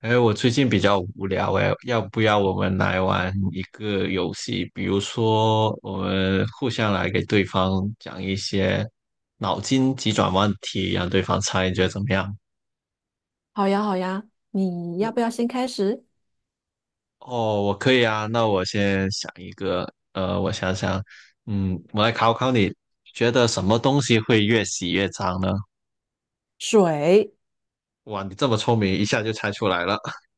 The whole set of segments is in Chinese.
哎，我最近比较无聊哎，要不要我们来玩一个游戏？比如说，我们互相来给对方讲一些脑筋急转弯题，让对方猜，你觉得怎么样？好呀，好呀，你要那不要先开始？哦，我可以啊。那我先想一个，我想想，我来考考你，觉得什么东西会越洗越脏呢？水。哇，你这么聪明，一下就猜出来了。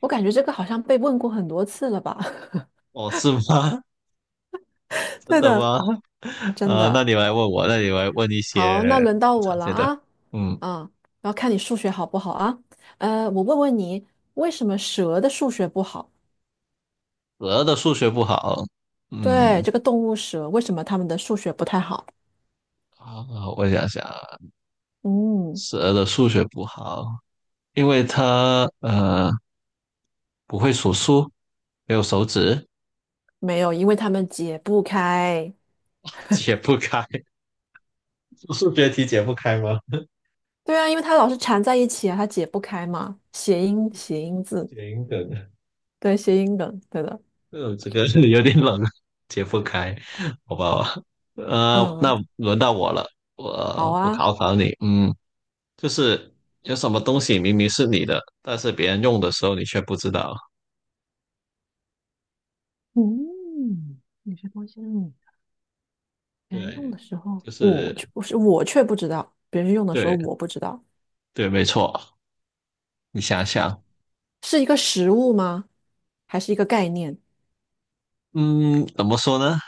我感觉这个好像被问过很多次了吧？哦，是吗？真对的的，吗？真啊、那的。你来问我，那你来问一好，些那轮到不我常了见的。啊嗯，啊，然后看你数学好不好啊？我问问你，为什么蛇的数学不好？蛇的数学不好。对，嗯，这个动物蛇，为什么它们的数学不太好？啊，我想想啊嗯，蛇的数学不好，因为它不会数数，没有手指，没有，因为它们解不开。解不开。数学题解不开吗？对啊，因为它老是缠在一起啊，它解不开嘛。谐音，谐音字，行的，对，谐音梗，对的。嗯，这个是有点冷，解不开，好吧？嗯，那轮到我了，好我啊。考考你。就是有什么东西明明是你的，但是别人用的时候你却不知道。嗯，有些东西是你别人用对，的时候，就我是却不是我却不知道，别人用的时候对我不知道。对，没错。你想想，是一个食物吗？还是一个概念？嗯，怎么说呢？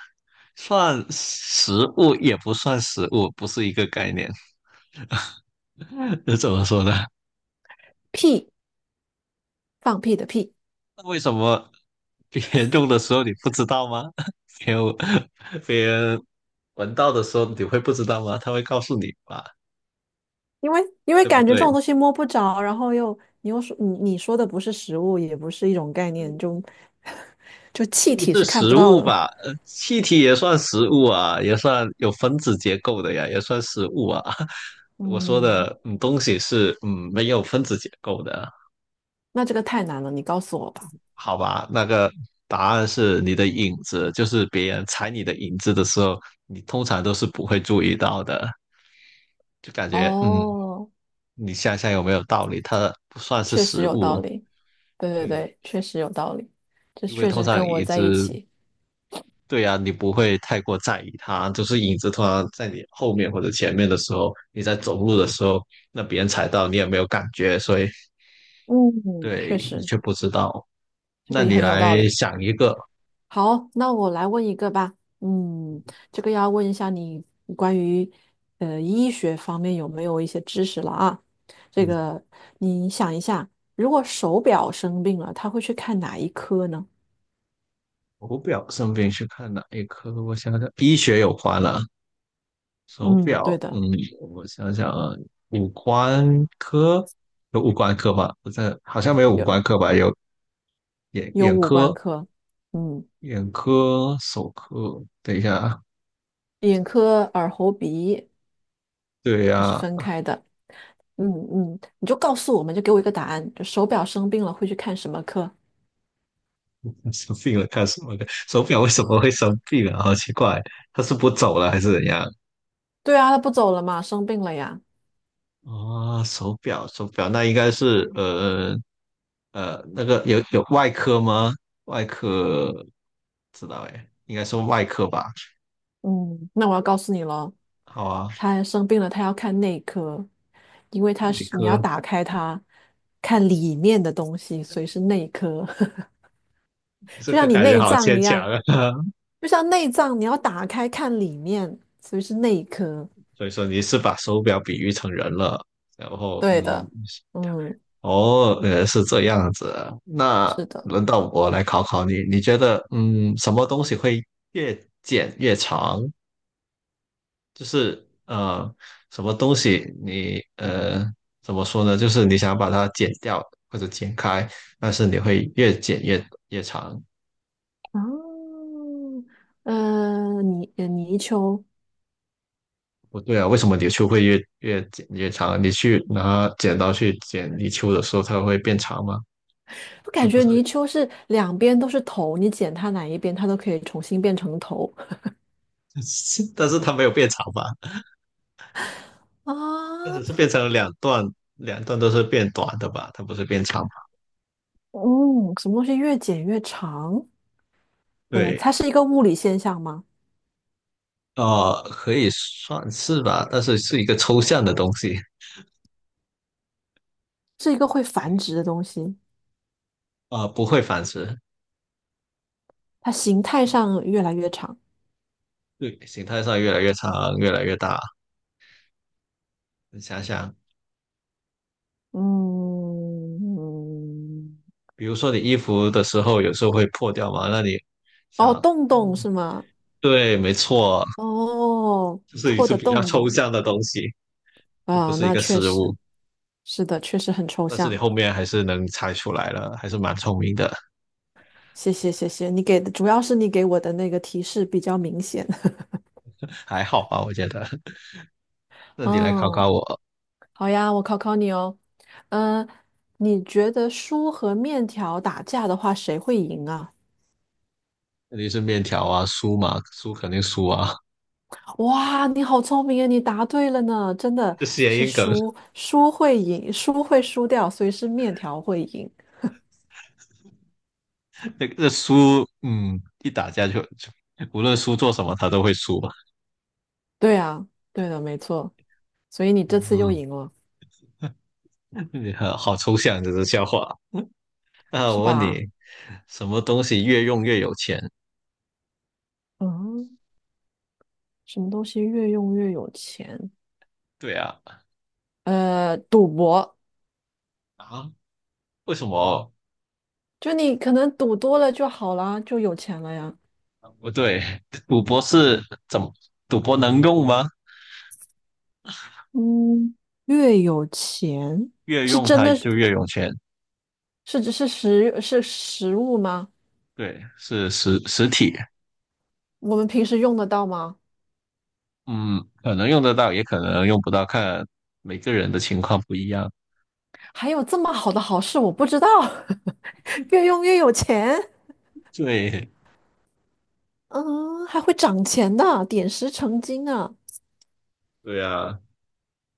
算食物也不算食物，不是一个概念。这怎么说呢？屁，放屁的屁。那为什么别人用的时候你不知道吗？别人别人闻到的时候你会不知道吗？他会告诉你吧，因为对不感觉这对？种东西摸不着，然后又你又说你说的不是食物，也不是一种概念，就 就气体是是看不食到物的。吧？气体也算食物啊，也算有分子结构的呀，也算食物啊。我说嗯，的，嗯，东西是没有分子结构的，那这个太难了，你告诉我吧。好吧？那个答案是你的影子，就是别人踩你的影子的时候，你通常都是不会注意到的，就感觉哦，你想想有没有道理？它不算是确实食有道物，理，对对对，对，确实有道理，这因为确通实跟常我一在只。一起。对呀、你不会太过在意它，就是影子突然在你后面或者前面的时候，你在走路的时候，那别人踩到你也没有感觉，所以嗯，确对你实，却不知道。这那个也你很有道来理。想一个，好，那我来问一个吧。嗯，这个要问一下你关于医学方面有没有一些知识了啊？这嗯，个你想一下，如果手表生病了，他会去看哪一科呢？手表生病去看哪一科？我想想，医学有关了，手嗯，对表，嗯，的。我想想啊，五官科有五官科吧？不是，好像没有五官有科吧？有眼有眼五官科、科。嗯，眼科、手科。等一下啊，眼科、耳喉鼻，对它是呀、分开的。你就告诉我们，就给我一个答案，就手表生病了会去看什么科？生病了干什么的？手表为什么会生病啊？好奇怪，它是不走了还是怎样？对啊，他不走了嘛，生病了呀。哦，手表，手表，那应该是那个有外科吗？外科不知道哎，应该是外科吧？嗯，那我要告诉你了，好啊，他生病了，他要看内科，因为他内是你要科，打开它，看里面的东西，所以是内科。这就个像你感觉内好脏牵一强样，啊。就像内脏你要打开看里面，所以是内科。所以说你是把手表比喻成人了，然后对的。嗯，哦，是这样子。那是的。轮到我来考考你，你觉得，什么东西会越剪越长？就是什么东西你怎么说呢？就是你想把它剪掉或者剪开，但是你会越剪越长。嗯，泥鳅，不对啊，为什么泥鳅会越剪越长？你去拿剪刀去剪泥鳅的时候，它会变长吗？我它感不觉是，泥鳅是两边都是头，你剪它哪一边，它都可以重新变成头。但是它没有变长吧？啊。但只是变成了两段，两段都是变短的吧？它不是变长吧。嗯，什么东西越剪越长？它对，是一个物理现象吗？可以算是吧，但是是一个抽象的东西，是一个会繁殖的东西，啊，不会繁殖，它形态上越来越长。对，形态上越来越长，越来越大。你想想，嗯，比如说你衣服的时候，有时候会破掉嘛，那你哦，想，洞洞嗯是吗？对，没错，哦，就是一破次的比较洞抽洞，象的东西，就不啊，是一那个确实实物。是的，确实很抽但是你象。后面还是能猜出来了，还是蛮聪明的，谢谢谢谢，你给的主要是你给我的那个提示比较明显。还好吧，我觉得。那你来考哦，考我。好呀，我考考你哦。嗯、你觉得书和面条打架的话，谁会赢啊？肯定是面条啊，酥嘛，酥肯定输啊，哇，你好聪明啊！你答对了呢，真的 这谐是音梗，输，输会赢，输会输掉，所以是面条会赢。那个酥，一打架就无论酥做什么，他都会输嘛。对啊，对的，没错。所以你这次又嗯，赢了，你好好抽象这是笑话。那是我问吧？你，什么东西越用越有钱？嗯，什么东西越用越有钱？对啊，赌博，啊，为什么？就你可能赌多了就好啦，就有钱了呀。不对，赌博是怎么？赌博能用吗？嗯，越有钱越是用真它的是就越有钱。是是食是食物吗？对，是实体。我们平时用得到吗？嗯，可能用得到，也可能用不到，看每个人的情况不一样。还有这么好的好事，我不知道。越用越有钱 对，嗯，还会涨钱的，点石成金啊！对呀，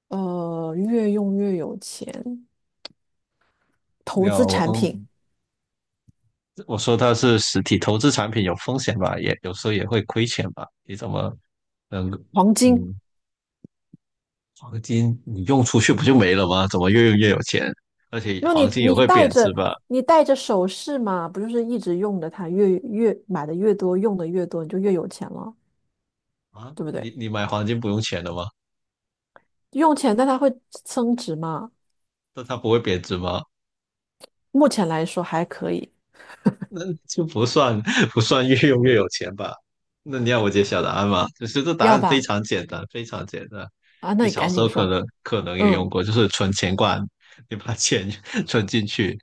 越用越有钱，你投要资我产品，我说它是实体投资产品有风险吧，也有时候也会亏钱吧。你怎么能黄金。嗯，黄金你用出去不就没了吗？怎么越用越有钱？而且没有你，黄金也你会戴贬值着吧？你戴着首饰嘛，不就是一直用着它，越买的越多，用的越多，你就越有钱了，啊，对不你对？你买黄金不用钱的吗？用钱，但它会增值嘛？那它不会贬值吗？目前来说还可以。那就不算越用越有钱吧？那你要我揭晓答案吗？就是这答要案非吧？常简单，非常简单。啊，那你你小赶时紧候可说。能可能也用嗯过，就是存钱罐，你把钱 存进去，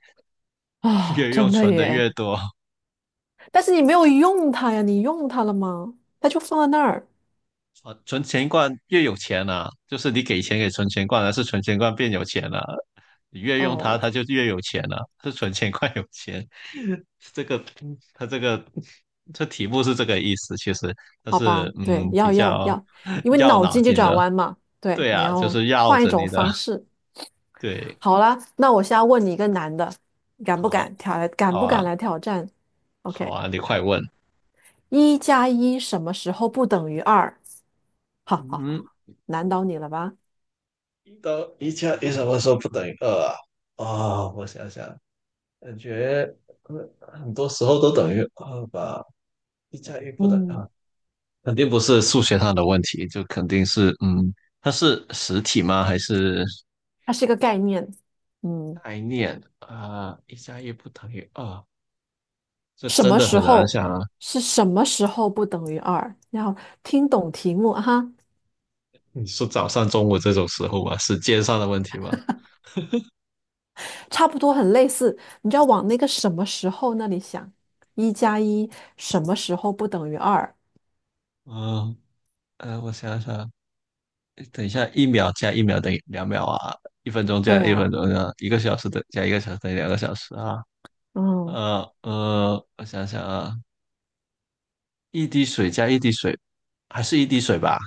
啊，越用真的存的越耶！多。但是你没有用它呀，你用它了吗？它就放在那儿。啊，存钱罐越有钱啊，就是你给钱给存钱罐，还是存钱罐变有钱了、你越用它，哦，它就越有钱了、是存钱快有钱。这个，它这个，这题目是这个意思，其实，它好是吧，对，比要要较要，因为绕脑脑筋急筋转的。弯嘛，对，对你啊，就要是绕换一着种你的。方式。对，好啦，那我现在问你一个难的，敢不好，敢挑来？敢好不啊，敢来挑战好？OK,啊，你快问。一加一什么时候不等于二？好好嗯，好，难倒你了吧？一加一什么时候不等于二啊？哦，我想想，感觉很多时候都等于二吧。一加一不等于嗯，二，肯定不是数学上的问题，就肯定是，它是实体吗？还是它是一个概念。嗯，概念啊？一加一不等于二，这什真么的时很难候想啊。是什么时候不等于二？要听懂题目哈。你说早上、中午这种时候吧，时间上的问题吗？差不多很类似，你就要往那个什么时候那里想，一加一什么时候不等于二？嗯，我想想，等一下，一秒加一秒等于两秒啊，一分钟加对一分啊，钟啊，一个小时加一个小时等于两个小时啊。嗯，我想想啊，一滴水加一滴水，还是一滴水吧？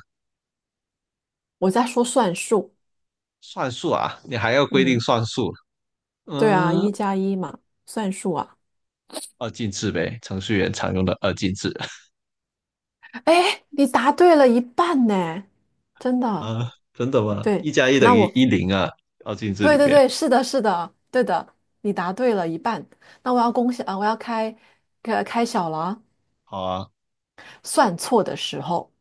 我在说算术。算数啊，你还要规定嗯，算数。对啊，嗯，一加一嘛，算术啊，二进制呗，程序员常用的二进制 哎，你答对了一半呢，真的，啊，真的吗？对，一加一等那于我，一零啊，二进制里对对边。对，是的，是的，对的，你答对了一半，那我要恭喜啊，我要开小了啊，好啊，算错的时候。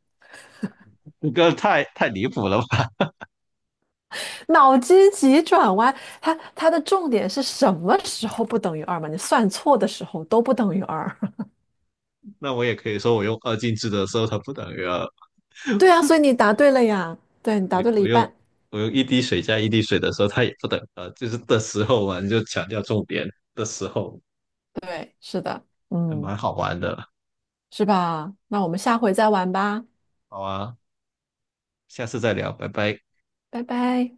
这个太离谱了吧？脑筋急转弯，它的重点是什么时候不等于二嘛？你算错的时候都不等于二。那我也可以说，我用二进制的时候，它不等于二；对啊，所以你答对了呀，对，你答对了我我一用半。我用一滴水加一滴水的时候，它也不等于二，就是的时候嘛，你就强调重点的时候，对，是的。还嗯，蛮好玩的。是吧？那我们下回再玩吧，好啊，下次再聊，拜拜。拜拜。